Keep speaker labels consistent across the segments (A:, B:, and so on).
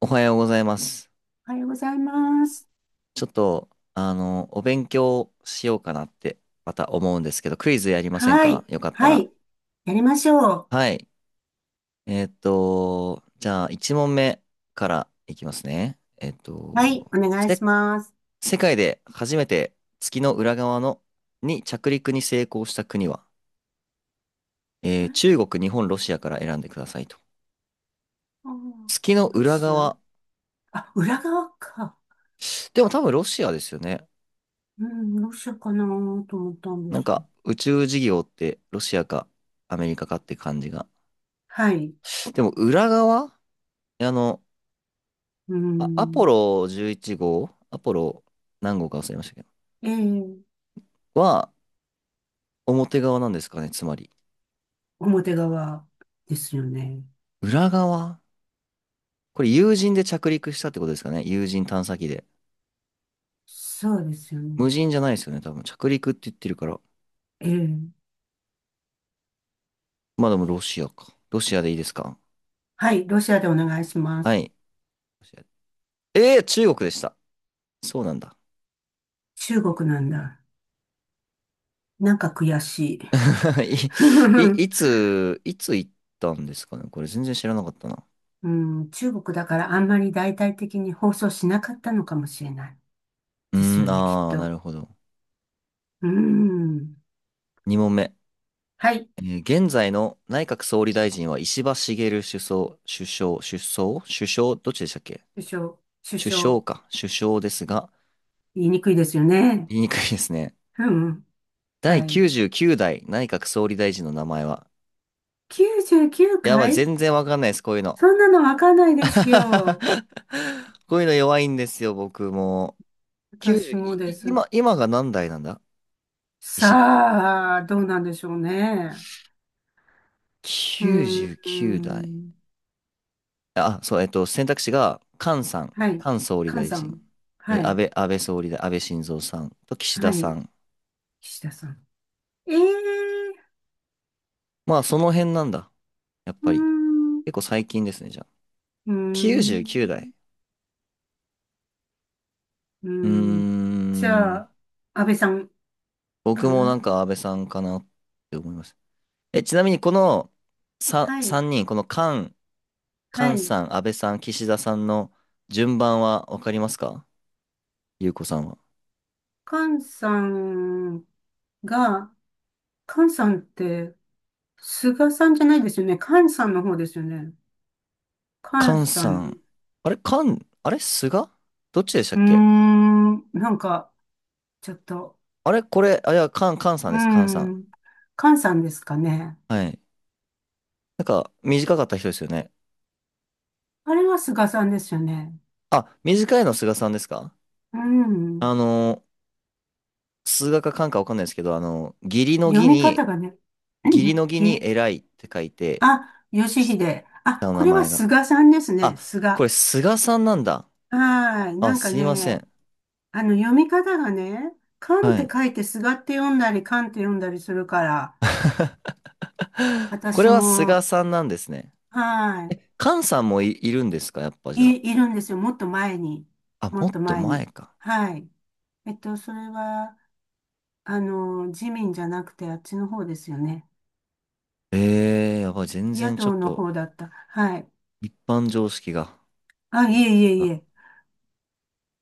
A: おはようございます。
B: おはようございます。
A: ちょっと、お勉強しようかなって、また思うんですけど、クイズやりません
B: は
A: か、
B: い。
A: よかった
B: は
A: ら？
B: い。やりましょう。
A: はい。じゃあ、1問目からいきますね。
B: はい。お願いします。
A: 世界で初めて月の裏側の、に着陸に成功した国は、
B: あれ、
A: 中国、日本、ロシアから選んでくださいと。
B: あー、
A: 月の
B: ロ
A: 裏
B: シア、
A: 側。
B: あ、裏側か。
A: でも多分ロシアですよね。
B: うん、ロシアかなと思ったんで
A: なん
B: すけ
A: か、
B: ど。
A: 宇宙事業ってロシアかアメリカかって感じが。
B: はい。
A: でも裏側、あの、
B: う
A: アポ
B: ん。
A: ロ11号、アポロ何号か忘れましたけ
B: ええ、
A: ど、は表側なんですかね、つまり。
B: 表側ですよね。
A: 裏側、これ有人で着陸したってことですかね、有人探査機で。
B: そうですよね。
A: 無人じゃないですよね、多分。着陸って言ってるから。
B: ええ。
A: まあでもロシアか。ロシアでいいですか？
B: はい。ロシアでお願いしま
A: は
B: す。
A: い。ロシア、中国でした。そうなんだ。
B: 中国なんだ。なんか悔しい。
A: い、いつ行ったんですかね、これ全然知らなかったな。
B: うん、中国だからあんまり大々的に放送しなかったのかもしれない。
A: う
B: です
A: ー
B: よ
A: ん、
B: ね、きっ
A: あー、な
B: と。
A: るほど。
B: うーん。
A: 2問目。
B: はい。
A: 現在の内閣総理大臣は石破茂首相、首相、首相、首相、どっちでしたっけ？
B: 首相、首
A: 首相
B: 相、
A: か、首相ですが、
B: 言いにくいですよね。
A: 言いにくいですね。
B: うん。はい。
A: 第99代内閣総理大臣の名前は？
B: 99
A: やばい、
B: 回
A: 全然わかんないです、こういうの。
B: そんなのわかんないですよ。
A: こういうの弱いんですよ、僕も。90、い、
B: 私
A: い
B: もです。
A: 今、今が何代なんだ、石破さん？
B: さあ、どうなんでしょうね。うー
A: 99代。
B: ん。
A: あ、そう、選択肢が、菅さん、
B: はい。
A: 菅総理
B: 菅
A: 大
B: さ
A: 臣、
B: ん。
A: え
B: は
A: ー安
B: い。
A: 倍、安倍総理大、安倍晋三さんと岸田
B: は
A: さ
B: い。
A: ん。
B: 岸田さん。ええ。
A: まあ、その辺なんだ。やっ
B: うー
A: ぱり。
B: ん。う
A: 結構最近ですね、じゃあ。
B: ーん。
A: 99代。
B: う
A: うー
B: ーん。じゃ
A: ん。
B: あ、安倍さんか
A: 僕もなん
B: な。
A: か安倍さんかなって思います。え、ちなみにこの3、
B: はい。
A: 三人、この菅、
B: は
A: 菅
B: い。
A: さん、安倍さん、岸田さんの順番はわかりますか、ゆうこさんは？
B: 菅さんが、菅さんって、菅さんじゃないですよね。菅さんの方ですよね。菅
A: 菅
B: さ
A: さ
B: ん。
A: ん。あれ菅どっちでしたっけ？
B: なんか、ちょっと、
A: あれこれ、あ、いや、カンさ
B: う
A: ん
B: ー
A: です、カンさん。
B: ん、菅さんですかね。
A: はい。なんか、短かった人ですよね。
B: あれは菅さんですよね。
A: あ、短いの菅さんですか？
B: うん。
A: あの数学かカンかわかんないですけど、義理の
B: 読
A: 義
B: み
A: に、
B: 方がね、ぎ、
A: 偉いって書いて、
B: あ、義秀。
A: 下
B: あ、
A: の
B: こ
A: 名
B: れは
A: 前が。
B: 菅さんです
A: あ、
B: ね。菅。
A: これ
B: は
A: 菅さんなんだ。
B: ーい。
A: あ、
B: なんか
A: すいませ
B: ね、
A: ん。
B: 読み方がね、缶っ
A: は
B: て
A: い。
B: 書いてすがって読んだり、缶って読んだりするから、
A: これ
B: 私
A: は菅
B: も、
A: さんなんですね。
B: は
A: え、カンさんもいるんですか、やっぱじ
B: い、
A: ゃ
B: いるんですよ。もっと前に。
A: あ？あ、
B: も
A: も
B: っ
A: っ
B: と
A: と
B: 前
A: 前
B: に。
A: か。
B: はい。それは、自民じゃなくて、あっちの方ですよね。
A: やばい、全
B: 野
A: 然ちょ
B: 党
A: っ
B: の
A: と、
B: 方だった。はい。
A: 一般常識が。
B: あ、いえいえいえ。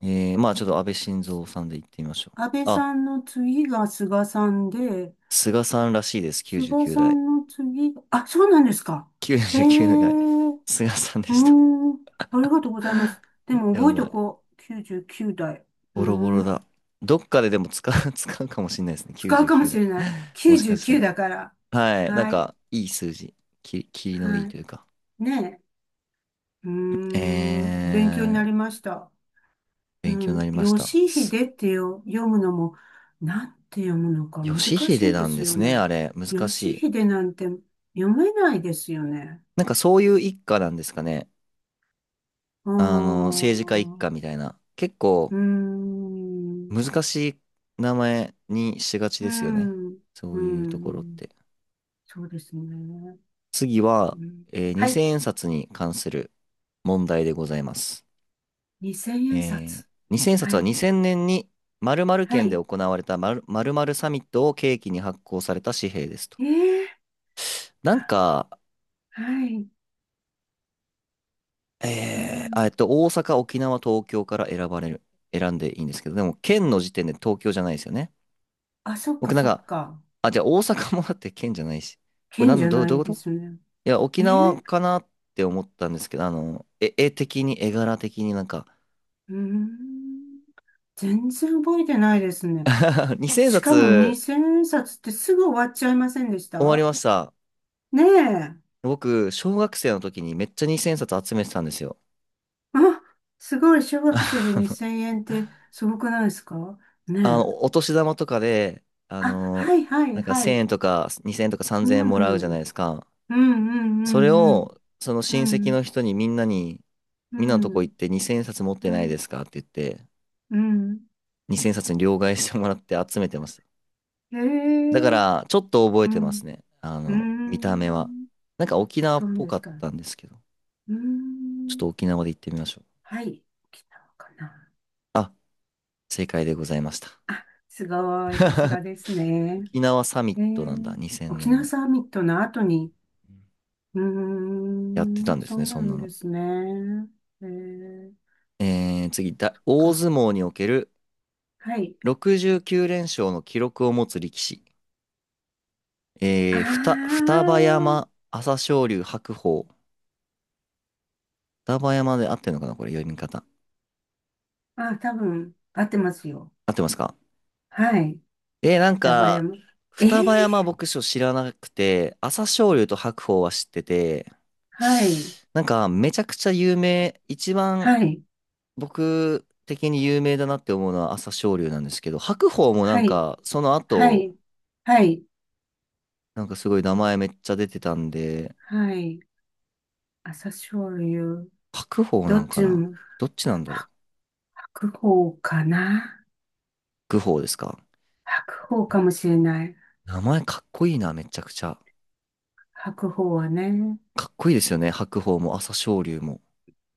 A: まあちょっと安倍晋三さんで行ってみましょう。
B: 安倍
A: あ、
B: さんの次が菅さんで、
A: 菅さんらしいです、
B: 菅さ
A: 99代。
B: んの次が、あ、そうなんですか。ええ。
A: 99代。
B: う
A: 菅さんで
B: ー
A: した。
B: ん。ありがとうございます。で
A: え、
B: も
A: や
B: 覚え
A: ば
B: と
A: い。
B: こう。99代。うー
A: ボロボロ
B: ん。
A: だ。どっかででも使う、使うかもしれないですね、
B: 使うかもし
A: 99
B: れない。
A: 代。もしかした
B: 99
A: ら。
B: だから。
A: はい、なん
B: はい。
A: か、いい数字。きりのいい
B: はい。
A: というか。
B: ねえ。うー
A: え
B: ん。勉強にな
A: ー、
B: りました。う
A: 勉強にな
B: ん。
A: りました。
B: 吉秀って読むのも、なんて読むのか難
A: 義
B: し
A: 秀
B: いで
A: なん
B: す
A: です
B: よ
A: ね、あ
B: ね。
A: れ。難し
B: 吉
A: い。
B: 秀なんて読めないですよね。
A: なんかそういう一家なんですかね。
B: うー
A: 政治家一
B: ん。
A: 家
B: う
A: みたいな。結
B: ー
A: 構、
B: ん。
A: 難しい名前にしがち
B: う
A: ですよね。
B: ん。
A: そ
B: う
A: ういうところっ
B: ん。
A: て。
B: そうですね。
A: 次
B: う
A: は、
B: ん、は
A: 2000
B: い。
A: 円札に関する問題でございます。
B: 2000
A: え
B: 円
A: ー
B: 札。
A: 2000円札
B: は
A: は
B: い。
A: 2000年に〇〇
B: は
A: 県で
B: い。
A: 行われた〇〇〇サミットを契機に発行された紙幣ですと。
B: ええ。
A: なんか、
B: はい。うん。
A: 大阪、沖縄、東京から選ばれる、選んでいいんですけど、でも県の時点で東京じゃないですよね。
B: あ、そっか
A: 僕なん
B: そっ
A: か、
B: か。
A: あ、じゃあ大阪もだって県じゃないし。これな
B: 剣
A: ん
B: じ
A: だ、
B: ゃな
A: どうい
B: い
A: う
B: で
A: こと？
B: すね。
A: いや、沖
B: え
A: 縄
B: え。
A: かなって思ったんですけど、絵柄的になんか。
B: うん。全然覚えてないですね。
A: 2000
B: しかも
A: 冊
B: 2000円札ってすぐ終わっちゃいませんでし
A: 終わり
B: た？
A: ました。
B: ねえ。
A: 僕、小学生の時にめっちゃ2000冊集めてたんですよ。
B: あ、すごい。小 学生
A: あ
B: で
A: の、
B: 2000円ってすごくないですか？ねえ。
A: お年玉とかで、
B: あ、はいはい
A: なんか
B: は
A: 1000
B: い。
A: 円とか2000円とか
B: う
A: 3000
B: ん。
A: 円も
B: う
A: らうじゃないで
B: ん
A: すか。
B: うん
A: それ
B: うんうん。
A: を、その
B: う
A: 親戚
B: ん。
A: の人にみんなに、
B: う
A: みんなのとこ行
B: ん。
A: って2000冊持って
B: う
A: ないで
B: ん。
A: すかって言って、
B: うん。
A: 2000冊に両替してもらって集めてました。
B: へ
A: だか
B: え。
A: ら、ちょっと覚え
B: う
A: てます
B: ん。
A: ね。
B: うー
A: 見た目は。
B: ん。
A: なんか沖縄
B: そ
A: っ
B: う
A: ぽ
B: で
A: か
B: す
A: っ
B: か。う
A: たんですけど、
B: ー
A: ちょっと
B: ん。
A: 沖縄で行ってみましょう。
B: はい。かな。
A: あ、正解でございました。
B: あ、すごい。さすが ですね。
A: 沖縄サミ
B: え
A: ットなんだ、
B: ー、
A: 2000
B: 沖
A: 年
B: 縄
A: の。
B: サミットの後に、
A: やってたんで
B: そ
A: すね、
B: うな
A: そんな
B: んで
A: の。
B: すね。えー、
A: 次、大
B: か。
A: 相撲における
B: はい。
A: 69連勝の記録を持つ力士。
B: あー、
A: 双葉山、朝青龍、白鵬。双葉山で合ってるのかな、これ読み方。
B: あ、多分、合ってますよ。
A: 合ってますか？
B: はい。
A: え、なん
B: 双葉
A: か、
B: 山。えー、
A: 双葉山牧場知らなくて、朝青龍と白鵬は知ってて、
B: はい。
A: なんか、めちゃくちゃ有名、一番
B: はい。
A: 僕的に有名だなって思うのは朝青龍なんですけど、白鵬もな
B: は
A: ん
B: い。
A: か、その
B: は
A: 後、
B: い。はい。はい
A: なんかすごい名前めっちゃ出てたんで、
B: はい。朝青龍。
A: 白鵬
B: ど
A: な
B: っ
A: んか
B: ち
A: な、
B: も。
A: どっちなんだろ
B: 白鵬かな。
A: う、愚鵬ですか？
B: 白鵬かもしれない。
A: 名前かっこいいな、めちゃくちゃ。
B: 白鵬はね。
A: かっこいいですよね、白鵬も朝青龍も。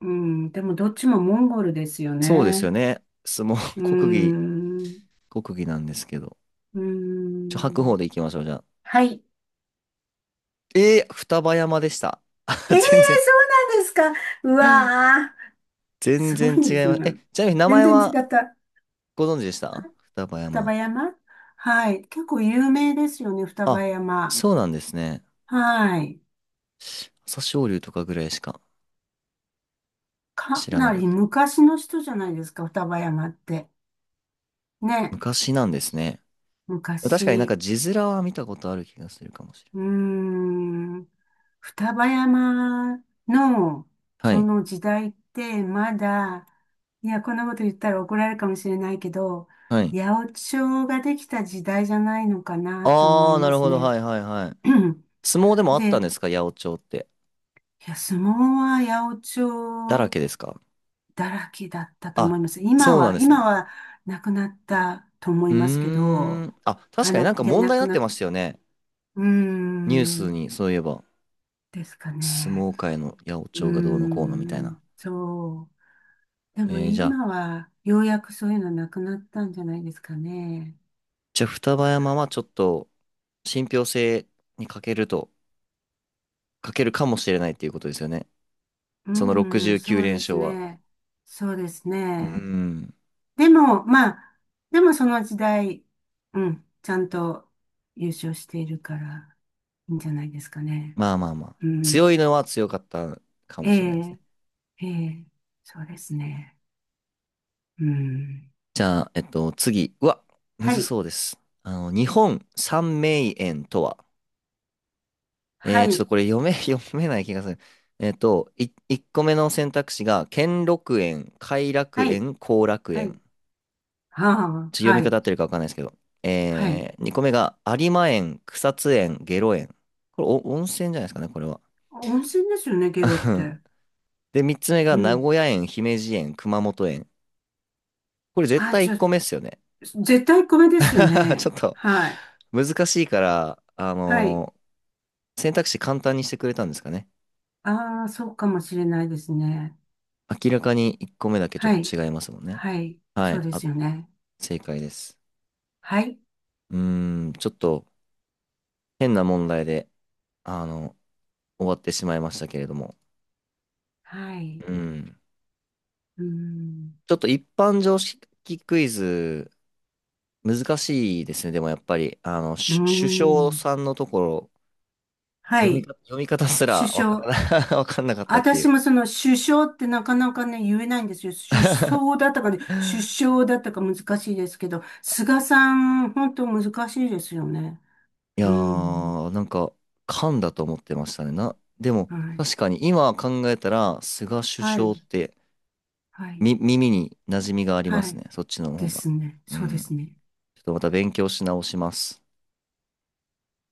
B: うん。でもどっちもモンゴルですよ
A: そうですよ
B: ね。
A: ね。相撲、
B: うーん。
A: 国技なんですけど。
B: うー
A: 白鵬で
B: ん。
A: 行きましょう、じゃあ。
B: はい。
A: 双葉山でした。
B: え えー、
A: 全然、
B: そうなんですか。うわー。
A: 全
B: すご
A: 然
B: いで
A: 違
B: す
A: います。え、
B: ね。
A: ちなみに名
B: 全
A: 前
B: 然違
A: は
B: った。
A: ご存知でした、双葉
B: 双葉
A: 山？
B: 山。はい。結構有名ですよね、双葉
A: あ、
B: 山。
A: そうなんですね。
B: はい。
A: 朝青龍とかぐらいしか
B: か
A: 知ら
B: な
A: なかっ
B: り
A: た。
B: 昔の人じゃないですか、双葉山って。ね。
A: 昔なんですね。確かになん
B: 昔、
A: か字面は見たことある気がするかもしれ
B: うーん、双葉山の
A: な
B: そ
A: い。
B: の時代ってまだ、いや、こんなこと言ったら怒られるかもしれないけど、
A: はい、はい。
B: 八百長ができた時代じゃないのかなと思い
A: あー、な
B: ま
A: る
B: す
A: ほど、
B: ね。
A: はい、はい、はい。相撲で もあったん
B: で、
A: ですか、八百長って？
B: いや、相撲は八
A: だ
B: 百
A: ら
B: 長
A: けですか？
B: だらけだったと思
A: あ、
B: います。
A: そうなんですね。
B: 今はなくなったと思
A: う
B: い
A: ー
B: ますけど、
A: ん。あ、確かになんか
B: いや、
A: 問
B: な
A: 題に
B: く
A: なっ
B: な
A: て
B: っ、
A: ましたよね。
B: うー
A: ニュース
B: ん、
A: に、そういえば。
B: ですか
A: 相
B: ね。
A: 撲界の八百
B: うー
A: 長がどうのこうのみたい
B: ん、
A: な。
B: そう。でも
A: えー、じゃあ、
B: 今はようやくそういうのなくなったんじゃないですかね。
A: じゃあ双葉山はちょっと信憑性に欠けると、欠けるかもしれないっていうことですよね。
B: う
A: その
B: ん、そうです
A: 69連勝は。
B: ね。そうです
A: うー
B: ね。
A: ん。
B: でも、まあ、でもその時代、うん、ちゃんと優勝しているからいいんじゃないですかね。
A: まあまあまあ。
B: うん。
A: 強いのは強かったか
B: え
A: もしれないですね。
B: え、ええ、そうですね。うん。
A: じゃあ、次。うわ、む
B: は
A: ず
B: い、
A: そうです。日本三名園とは。
B: は
A: ちょっと
B: い、
A: これ読め、読めない気がする。1個目の選択肢が、兼六園、偕楽
B: はい、
A: 園、後楽
B: はい。
A: 園。ちょっ
B: はあ、
A: と読み
B: は
A: 方合
B: い、
A: ってるかわかんないですけど。
B: はい。
A: 2個目が、有馬園、草津園、下呂園。これ温泉じゃないですかね、これは。
B: 温泉ですよね、ゲロっ て。
A: で、3つ目が、
B: う
A: 名
B: ん。
A: 古屋園、姫路園、熊本園。これ絶
B: あ、
A: 対
B: じ
A: 1
B: ゃ
A: 個
B: あ、
A: 目っすよね。
B: 絶対米ですよ
A: ちょ
B: ね。
A: っと、
B: はい。
A: 難しいから、
B: はい。
A: 選択肢簡単にしてくれたんですかね。
B: ああ、そうかもしれないですね。
A: 明らかに1個目だけちょっ
B: はい。
A: と違いますもんね。
B: はい。
A: は
B: そう
A: い、
B: で
A: あ、
B: すよね。
A: 正解です。
B: はい。
A: うーん、ちょっと変な問題で、あの、終わってしまいましたけれども。
B: はい。
A: うん。
B: うーん。
A: ちょっと一般常識クイズ、難しいですね。でもやっぱり、
B: う
A: 首相
B: ーん。
A: さんのところ、
B: は
A: 読み
B: い。
A: か、読み方すら
B: 首
A: わか
B: 相。
A: らな、わかんなかったってい
B: 私
A: う。
B: もその首相ってなかなかね、言えないんですよ。首相だったかね、首 相だったか難しいですけど、菅さん、本当難しいですよね。
A: いや
B: うん。
A: ー、なんか、噛んだと思ってましたね。でも、
B: はい。
A: 確かに今考えたら、菅首
B: は
A: 相
B: い。
A: って、
B: はい。
A: 耳に馴染みがありま
B: は
A: すね。
B: い。
A: そっちの方
B: で
A: が。
B: すね。
A: う
B: そうで
A: ん。
B: すね。
A: ちょっとまた勉強し直します。